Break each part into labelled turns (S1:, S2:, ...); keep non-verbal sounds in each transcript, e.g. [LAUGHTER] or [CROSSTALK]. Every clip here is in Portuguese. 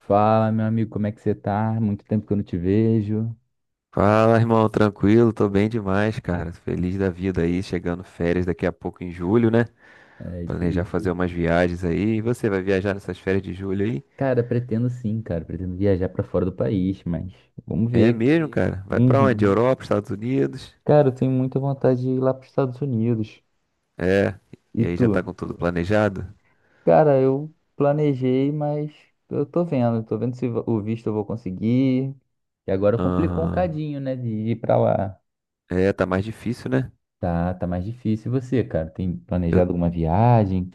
S1: Fala, meu amigo, como é que você tá? Muito tempo que eu não te vejo.
S2: Fala, irmão, tranquilo? Tô bem demais, cara. Feliz da vida aí, chegando férias daqui a pouco em julho, né?
S1: É isso
S2: Planejar
S1: aí.
S2: fazer umas viagens aí. E você vai viajar nessas férias de julho aí?
S1: Cara, pretendo sim, cara. Pretendo viajar pra fora do país, mas vamos
S2: É
S1: ver.
S2: mesmo, cara. Vai pra onde?
S1: Uhum.
S2: Europa, Estados Unidos?
S1: Cara, eu tenho muita vontade de ir lá pros Estados Unidos.
S2: É.
S1: E
S2: E aí
S1: tu?
S2: já tá com tudo planejado?
S1: Cara, eu planejei, mas eu tô vendo. Tô vendo se o visto eu vou conseguir. E agora complicou um
S2: Aham.
S1: cadinho, né, de ir pra lá.
S2: É, tá mais difícil, né?
S1: Tá, tá mais difícil. E você, cara? Tem planejado alguma viagem?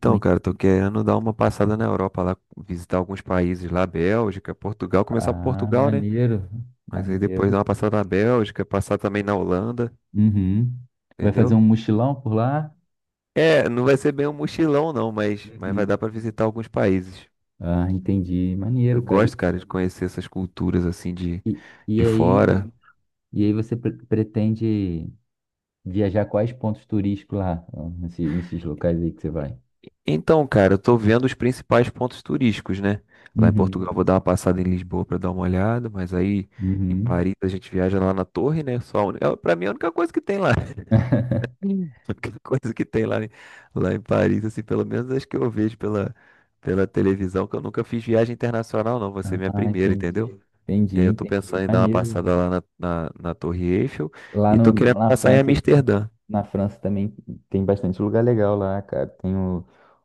S1: Como é que-
S2: cara, tô querendo dar uma passada na Europa lá, visitar alguns países lá, Bélgica, Portugal, começar por
S1: Ah,
S2: Portugal, né?
S1: maneiro.
S2: Mas aí depois dar
S1: Maneiro.
S2: uma passada na Bélgica, passar também na Holanda,
S1: Uhum. Vai fazer um
S2: entendeu?
S1: mochilão por lá?
S2: É, não vai ser bem um mochilão não, mas vai dar
S1: Uhum.
S2: pra visitar alguns países.
S1: Ah, entendi. Maneiro,
S2: Eu
S1: cara.
S2: gosto, cara, de conhecer essas culturas assim
S1: E e
S2: de
S1: aí,
S2: fora.
S1: e aí, você pretende viajar quais pontos turísticos lá, ó, nesses locais aí que você vai?
S2: Então, cara, eu tô vendo os principais pontos turísticos, né? Lá em
S1: Uhum.
S2: Portugal eu vou dar uma passada em Lisboa pra dar uma olhada, mas aí em
S1: Uhum.
S2: Paris a gente viaja lá na torre, né? É, pra mim é a única coisa que tem lá. [LAUGHS] Hum. A única coisa que tem lá, em- Lá em Paris, assim, pelo menos acho que eu vejo pela televisão, que eu nunca fiz viagem internacional, não. Vai ser minha
S1: Ah,
S2: primeira, entendeu?
S1: entendi. Entendi,
S2: E aí eu tô
S1: entendi.
S2: pensando em dar uma
S1: Maneiro.
S2: passada na Torre Eiffel
S1: Lá
S2: e
S1: no,
S2: tô querendo passar em Amsterdã.
S1: Na França também tem bastante lugar legal lá, cara. Tem o,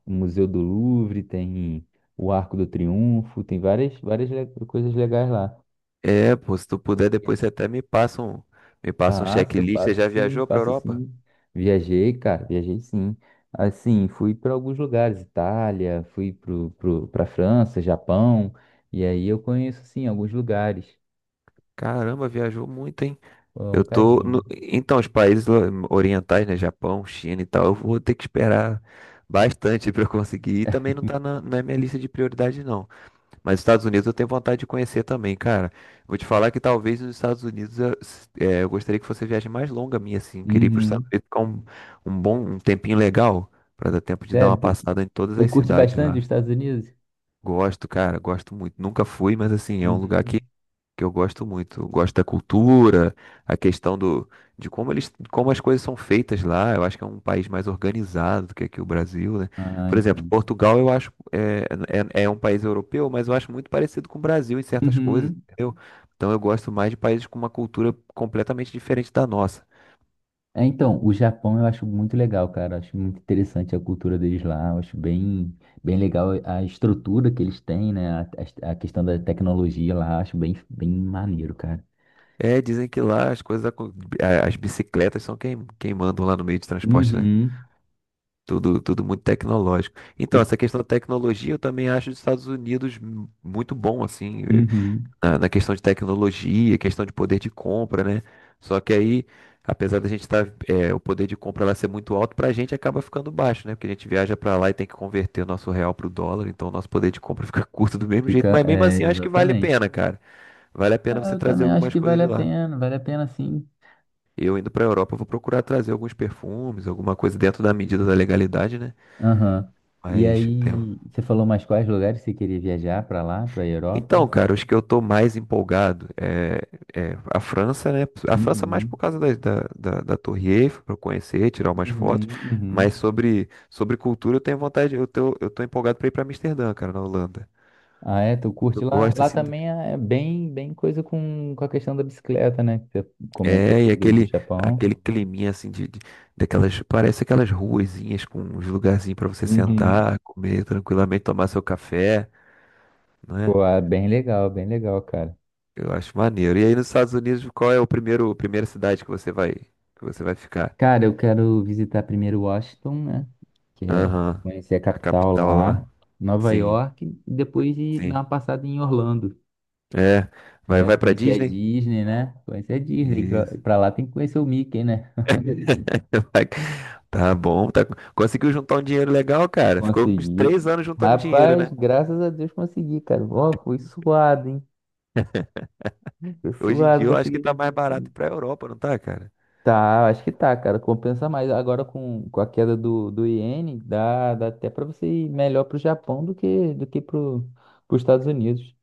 S1: o Museu do Louvre, tem o Arco do Triunfo, tem várias coisas legais lá.
S2: É, pô, se tu puder, depois você até me passa um
S1: Passa,
S2: checklist. Você
S1: passa
S2: já
S1: sim,
S2: viajou pra
S1: passa
S2: Europa?
S1: sim. Viajei, cara, viajei sim. Assim, fui para alguns lugares, Itália, fui para França, Japão, e aí eu conheço sim alguns lugares,
S2: Caramba, viajou muito, hein?
S1: um
S2: Eu tô
S1: cadinho.
S2: no- Então, orientais, né? Japão, China e tal, eu vou ter que esperar bastante [LAUGHS] pra eu conseguir. E também não tá na minha lista de prioridade, não. Mas os Estados Unidos eu tenho vontade de conhecer também, cara. Vou te falar que talvez os Estados Unidos eu, é, eu gostaria que fosse a viagem mais longa minha, assim. Eu queria ir para os
S1: Uhum.
S2: Estados Unidos ficar um bom, um tempinho legal, para dar tempo de dar uma
S1: Sério, tu,
S2: passada em todas
S1: tu
S2: as
S1: curte
S2: cidades
S1: bastante os
S2: lá.
S1: Estados Unidos?
S2: Gosto, cara, gosto muito. Nunca fui, mas assim, é um lugar
S1: Uhum.
S2: que eu gosto muito. Eu gosto da cultura, a questão do, de como eles, como as coisas são feitas lá. Eu acho que é um país mais organizado do que aqui o Brasil, né?
S1: Ah,
S2: Por exemplo,
S1: entendi.
S2: Portugal eu acho é, é, é um país europeu, mas eu acho muito parecido com o Brasil em certas coisas,
S1: Uhum.
S2: entendeu? Então eu gosto mais de países com uma cultura completamente diferente da nossa.
S1: É, então, o Japão eu acho muito legal, cara. Acho muito interessante a cultura deles lá. Eu acho bem, bem legal a estrutura que eles têm, né? A questão da tecnologia lá, acho bem, bem maneiro, cara.
S2: É, dizem que lá as as bicicletas são quem, quem mandam lá no meio de transporte, né?
S1: Uhum.
S2: Tudo muito tecnológico.
S1: E-
S2: Então, essa questão da tecnologia, eu também acho os Estados Unidos muito bom, assim,
S1: Uhum.
S2: na questão de tecnologia, questão de poder de compra, né? Só que aí, apesar da gente estar, o poder de compra lá ser muito alto, pra gente acaba ficando baixo, né? Porque a gente viaja pra lá e tem que converter o nosso real pro dólar, então o nosso poder de compra [LAUGHS] fica curto do mesmo jeito.
S1: Fica,
S2: Mas mesmo
S1: é,
S2: assim, eu acho que vale a pena,
S1: exatamente.
S2: cara. Vale a pena
S1: Ah,
S2: você
S1: eu
S2: trazer
S1: também acho
S2: algumas
S1: que
S2: coisas de lá.
S1: vale a pena sim.
S2: Eu indo pra Europa, eu vou procurar trazer alguns perfumes, alguma coisa dentro da medida da legalidade, né?
S1: Aham. E
S2: Mas é,
S1: aí, você falou mais quais lugares você queria viajar pra lá, pra
S2: então,
S1: Europa?
S2: cara, os que eu tô mais empolgado é, é a França, né? A França mais por
S1: Uhum.
S2: causa da Torre Eiffel, para conhecer, tirar umas fotos.
S1: Uhum.
S2: Mas
S1: Uhum.
S2: sobre cultura, eu tenho eu tô empolgado para ir para Amsterdã, cara, na Holanda.
S1: Ah, é? Tu
S2: Eu
S1: curte lá?
S2: gosto,
S1: Lá
S2: assim,
S1: também é bem, bem coisa com a questão da bicicleta, né? Que você comentou
S2: é, e
S1: aí do
S2: aquele,
S1: Japão.
S2: aquele climinha, assim, daquelas, parece aquelas ruazinhas com uns lugarzinhos para você
S1: Uhum.
S2: sentar, comer tranquilamente, tomar seu café, né?
S1: Pô, é bem legal, cara.
S2: Eu acho maneiro. E aí nos Estados Unidos, qual é primeira cidade que que você vai ficar?
S1: Cara, eu quero visitar primeiro Washington, né? Que é
S2: Aham.
S1: conhecer a
S2: A
S1: capital
S2: capital
S1: lá,
S2: lá.
S1: Nova
S2: Sim,
S1: York, e depois ir dar
S2: sim.
S1: uma passada em Orlando.
S2: É.
S1: É,
S2: Vai
S1: pra
S2: pra
S1: conhecer a
S2: Disney?
S1: Disney, né? Conhecer a Disney, que lá-
S2: Isso.
S1: pra lá tem que conhecer o Mickey, né?
S2: [LAUGHS] Vai- Tá bom, tá... conseguiu juntar um dinheiro legal, cara. Ficou uns
S1: Consegui.
S2: 3 anos juntando dinheiro,
S1: Rapaz,
S2: né?
S1: graças a Deus consegui, cara. Ó, foi suado, hein? Foi
S2: Hoje em
S1: suado,
S2: dia eu acho que
S1: consegui
S2: tá mais
S1: vender.
S2: barato ir pra Europa, não tá, cara?
S1: Tá, acho que tá, cara. Compensa mais. Agora com a queda do iene, dá até pra você ir melhor pro Japão do que pros Estados Unidos.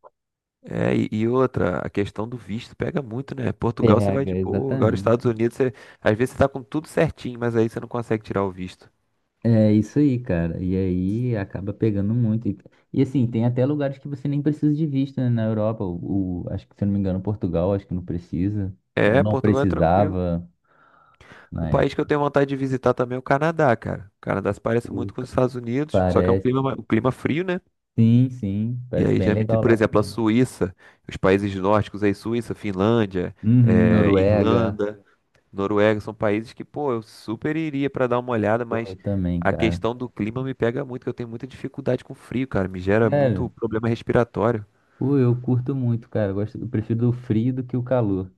S2: É, e outra, a questão do visto pega muito, né? Portugal você
S1: Pega,
S2: vai de boa, agora
S1: exatamente.
S2: Às vezes você tá com tudo certinho, mas aí você não consegue tirar o visto.
S1: É isso aí, cara. E aí acaba pegando muito. E assim, tem até lugares que você nem precisa de visto, né? Na Europa, o- acho que se eu não me engano, Portugal, acho que não precisa. Ou
S2: É,
S1: não
S2: Portugal é tranquilo.
S1: precisava
S2: Um
S1: na
S2: país que eu
S1: época.
S2: tenho vontade de visitar também é o Canadá, cara. O Canadá se parece muito com os Estados Unidos, só que é um
S1: Parece,
S2: um clima frio, né?
S1: sim, sim.
S2: E
S1: Parece
S2: aí
S1: bem
S2: já me diz,
S1: legal
S2: por
S1: lá
S2: exemplo, a
S1: também.
S2: Suíça, os países nórdicos aí, Suíça, Finlândia,
S1: Uhum, Noruega.
S2: Irlanda, Noruega, são países que, pô, eu super iria pra dar uma olhada,
S1: Pô,
S2: mas
S1: eu também,
S2: a
S1: cara.
S2: questão do clima me pega muito, que eu tenho muita dificuldade com frio, cara. Me gera muito
S1: Sério.
S2: problema respiratório.
S1: Pô, eu curto muito, cara. Eu gosto, eu prefiro o frio do que o calor.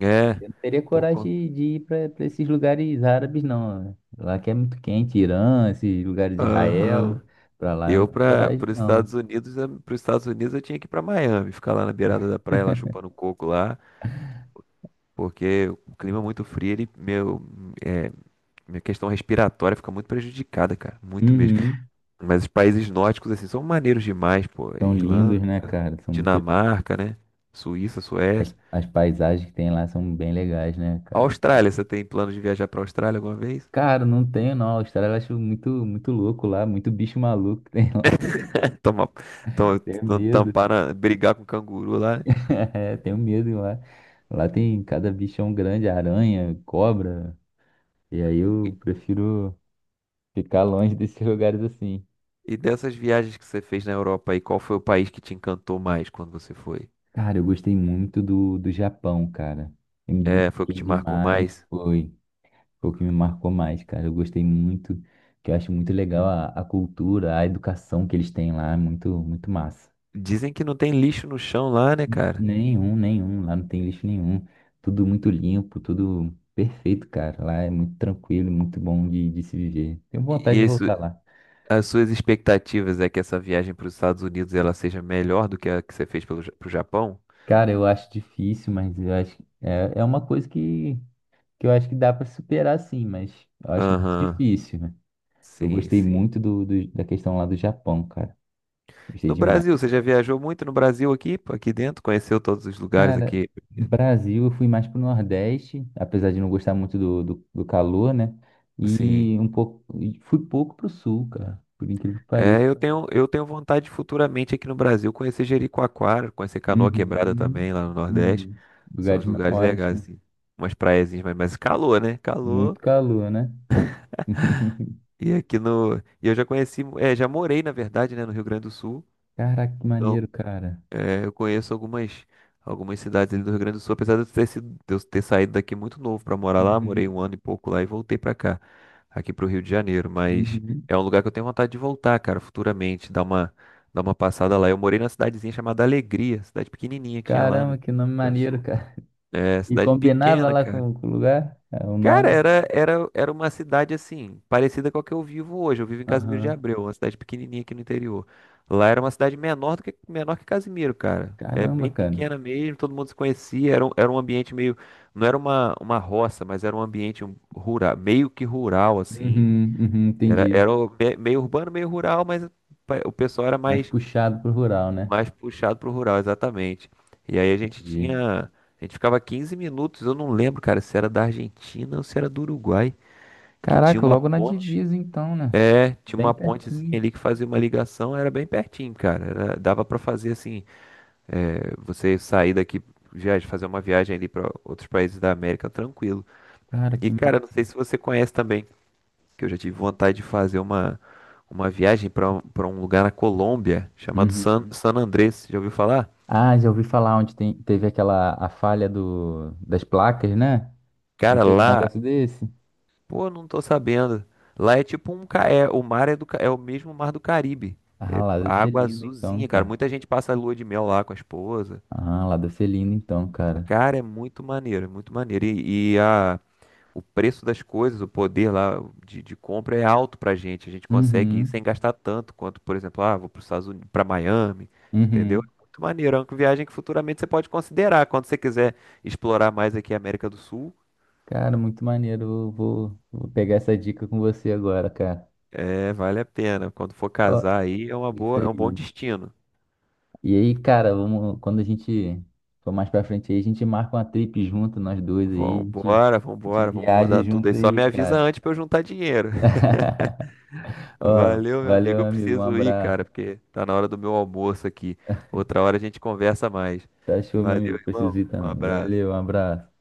S2: É,
S1: Eu não teria
S2: pô.
S1: coragem
S2: Con-
S1: de ir pra esses lugares árabes, não, né? Lá que é muito quente, Irã, esses lugares de Israel.
S2: Aham.
S1: Pra lá eu
S2: Eu
S1: não tenho
S2: para
S1: coragem,
S2: os Estados
S1: não.
S2: Unidos, para os Estados Unidos eu tinha que ir para Miami, ficar lá na beirada da praia, lá chupando coco lá, porque o clima é muito frio, é, minha questão respiratória fica muito prejudicada, cara, muito mesmo.
S1: Uhum.
S2: Mas os países nórdicos assim são maneiros demais, pô,
S1: São lindos,
S2: Irlanda,
S1: né, cara? São muito.
S2: Dinamarca, né? Suíça,
S1: As,
S2: Suécia.
S1: as paisagens que tem lá são bem legais, né, cara? Acho-
S2: Austrália, você tem plano de viajar para Austrália alguma vez?
S1: Cara, não tenho, não. A Austrália eu acho muito, muito louco lá, muito bicho maluco que tem lá.
S2: [LAUGHS] Tomar, tom-
S1: [LAUGHS] Tenho
S2: tom-
S1: medo.
S2: tampar na- brigar com canguru lá. Né?
S1: É, tenho medo lá. Lá tem cada bichão grande, aranha, cobra. E aí eu prefiro ficar longe [LAUGHS] desses lugares assim.
S2: E dessas viagens que você fez na Europa aí, qual foi o país que te encantou mais quando você foi?
S1: Cara, eu gostei muito do Japão, cara. Eu me
S2: É, foi o que
S1: identifiquei
S2: te marcou
S1: demais.
S2: mais?
S1: Foi o que me marcou mais, cara. Eu gostei muito, que eu acho muito legal a cultura, a educação que eles têm lá. É muito, muito massa.
S2: Dizem que não tem lixo no chão lá, né, cara?
S1: Nenhum, nenhum. Lá não tem lixo nenhum. Tudo muito limpo, tudo perfeito, cara. Lá é muito tranquilo, muito bom de se viver. Tenho vontade
S2: E
S1: de
S2: isso,
S1: voltar lá.
S2: as suas expectativas é que essa viagem para os Estados Unidos ela seja melhor do que a que você fez pelo, Ja- pro Japão?
S1: Cara, eu acho difícil, mas eu acho que é uma coisa que, eu acho que dá para superar sim, mas eu acho muito
S2: Aham,
S1: difícil, né? Eu
S2: sim,
S1: gostei
S2: sim.
S1: muito da questão lá do Japão, cara. Gostei
S2: No
S1: demais.
S2: Brasil, você já viajou muito no Brasil aqui, pô, aqui dentro? Conheceu todos os lugares
S1: Cara,
S2: aqui?
S1: Brasil, eu fui mais pro Nordeste, apesar de não gostar muito do calor, né?
S2: Sim.
S1: E um pouco, e fui pouco pro Sul, cara, por incrível que pareça.
S2: É, eu tenho vontade de futuramente aqui no Brasil conhecer Jericoacoara, conhecer Canoa Quebrada
S1: Uhum,
S2: também lá no Nordeste.
S1: uhum.
S2: São
S1: Lugares
S2: os
S1: ma-
S2: lugares legais,
S1: ótimos,
S2: assim. Umas praiazinhas, mas calor, né?
S1: muito
S2: Calor.
S1: calor, né? [LAUGHS]
S2: E aqui no. E eu já conheci, é, já morei, na verdade, né, no Rio Grande do Sul.
S1: Caraca, que
S2: Então,
S1: maneiro, cara.
S2: é, eu conheço algumas cidades ali do Rio Grande do Sul, apesar de de eu ter saído daqui muito novo para morar lá, morei
S1: Uhum,
S2: um ano e pouco lá e voltei para cá, aqui para o Rio de Janeiro, mas
S1: uhum.
S2: é um lugar que eu tenho vontade de voltar, cara, futuramente, dar uma passada lá. Eu morei numa cidadezinha chamada Alegria, cidade pequenininha que tinha lá, né,
S1: Caramba,
S2: no
S1: que nome
S2: Rio Grande do
S1: maneiro,
S2: Sul.
S1: cara.
S2: É,
S1: E
S2: cidade
S1: combinava
S2: pequena,
S1: lá
S2: cara.
S1: com o lugar, é, o
S2: Cara,
S1: nome.
S2: era uma cidade assim, parecida com a que eu vivo hoje. Eu vivo em Casimiro de
S1: Aham.
S2: Abreu, uma cidade pequenininha aqui no interior. Lá era uma cidade menor do que menor que Casimiro, cara. É bem
S1: Caramba, cara.
S2: pequena mesmo, todo mundo se conhecia. Era, era um ambiente meio. Não era uma roça, mas era um ambiente rural, meio que rural, assim.
S1: Uhum, uhum, entendi.
S2: Meio urbano, meio rural, mas o pessoal
S1: Mais puxado pro rural, né?
S2: mais puxado pro rural, exatamente. E aí a gente
S1: Entendi.
S2: tinha. A gente ficava 15 minutos, eu não lembro, cara, se era da Argentina ou se era do Uruguai que tinha
S1: Caraca, logo na divisa então, né?
S2: tinha
S1: Bem
S2: uma pontezinha
S1: pertinho.
S2: ali que fazia uma ligação, era bem pertinho, cara. Era- dava pra fazer assim, é, você sair daqui, viajar, fazer uma viagem ali pra outros países da América tranquilo.
S1: Cara,
S2: E
S1: que ma...
S2: cara, não sei se você conhece também, que eu já tive vontade de fazer uma viagem pra para um lugar na Colômbia chamado
S1: Uhum.
S2: San Andrés. Já ouviu falar?
S1: Ah, já ouvi falar onde teve aquela a falha das placas, né? Não
S2: Cara,
S1: teve um
S2: lá,
S1: negócio desse?
S2: pô, não tô sabendo. Lá é tipo o mar é é o mesmo mar do Caribe.
S1: Ah,
S2: É
S1: lá deve ser
S2: água
S1: lindo então,
S2: azulzinha, cara.
S1: cara.
S2: Muita gente passa lua de mel lá com a esposa.
S1: Ah, lá deve ser lindo então, cara.
S2: Cara, é muito maneiro, é muito maneiro. O preço das coisas, o poder lá de compra é alto pra gente. A gente consegue ir sem
S1: Uhum,
S2: gastar tanto quanto, por exemplo, ah, vou para Estados Unidos, para Miami, entendeu?
S1: uhum.
S2: É muito maneiro. É uma viagem que futuramente você pode considerar. Quando você quiser explorar mais aqui a América do Sul,
S1: Cara, muito maneiro. Eu vou pegar essa dica com você agora, cara.
S2: é, vale a pena. Quando for
S1: Ó,
S2: casar aí, é uma
S1: isso
S2: boa, é um bom
S1: aí.
S2: destino.
S1: E aí, cara, vamos, quando a gente for mais pra frente aí, a gente marca uma trip junto, nós dois aí, a gente,
S2: Vambora,
S1: a gente
S2: vambora, vamos
S1: viaja
S2: rodar tudo
S1: junto
S2: aí. Só
S1: aí,
S2: me avisa
S1: cara.
S2: antes pra eu juntar dinheiro.
S1: [LAUGHS] Ó,
S2: Valeu, meu
S1: valeu,
S2: amigo.
S1: meu
S2: Eu
S1: amigo, um
S2: preciso ir,
S1: abraço.
S2: cara, porque tá na hora do meu almoço aqui. Outra hora a gente conversa mais.
S1: Tá show, meu
S2: Valeu,
S1: amigo, preciso
S2: irmão.
S1: ir
S2: Um
S1: também. Valeu,
S2: abraço.
S1: um abraço.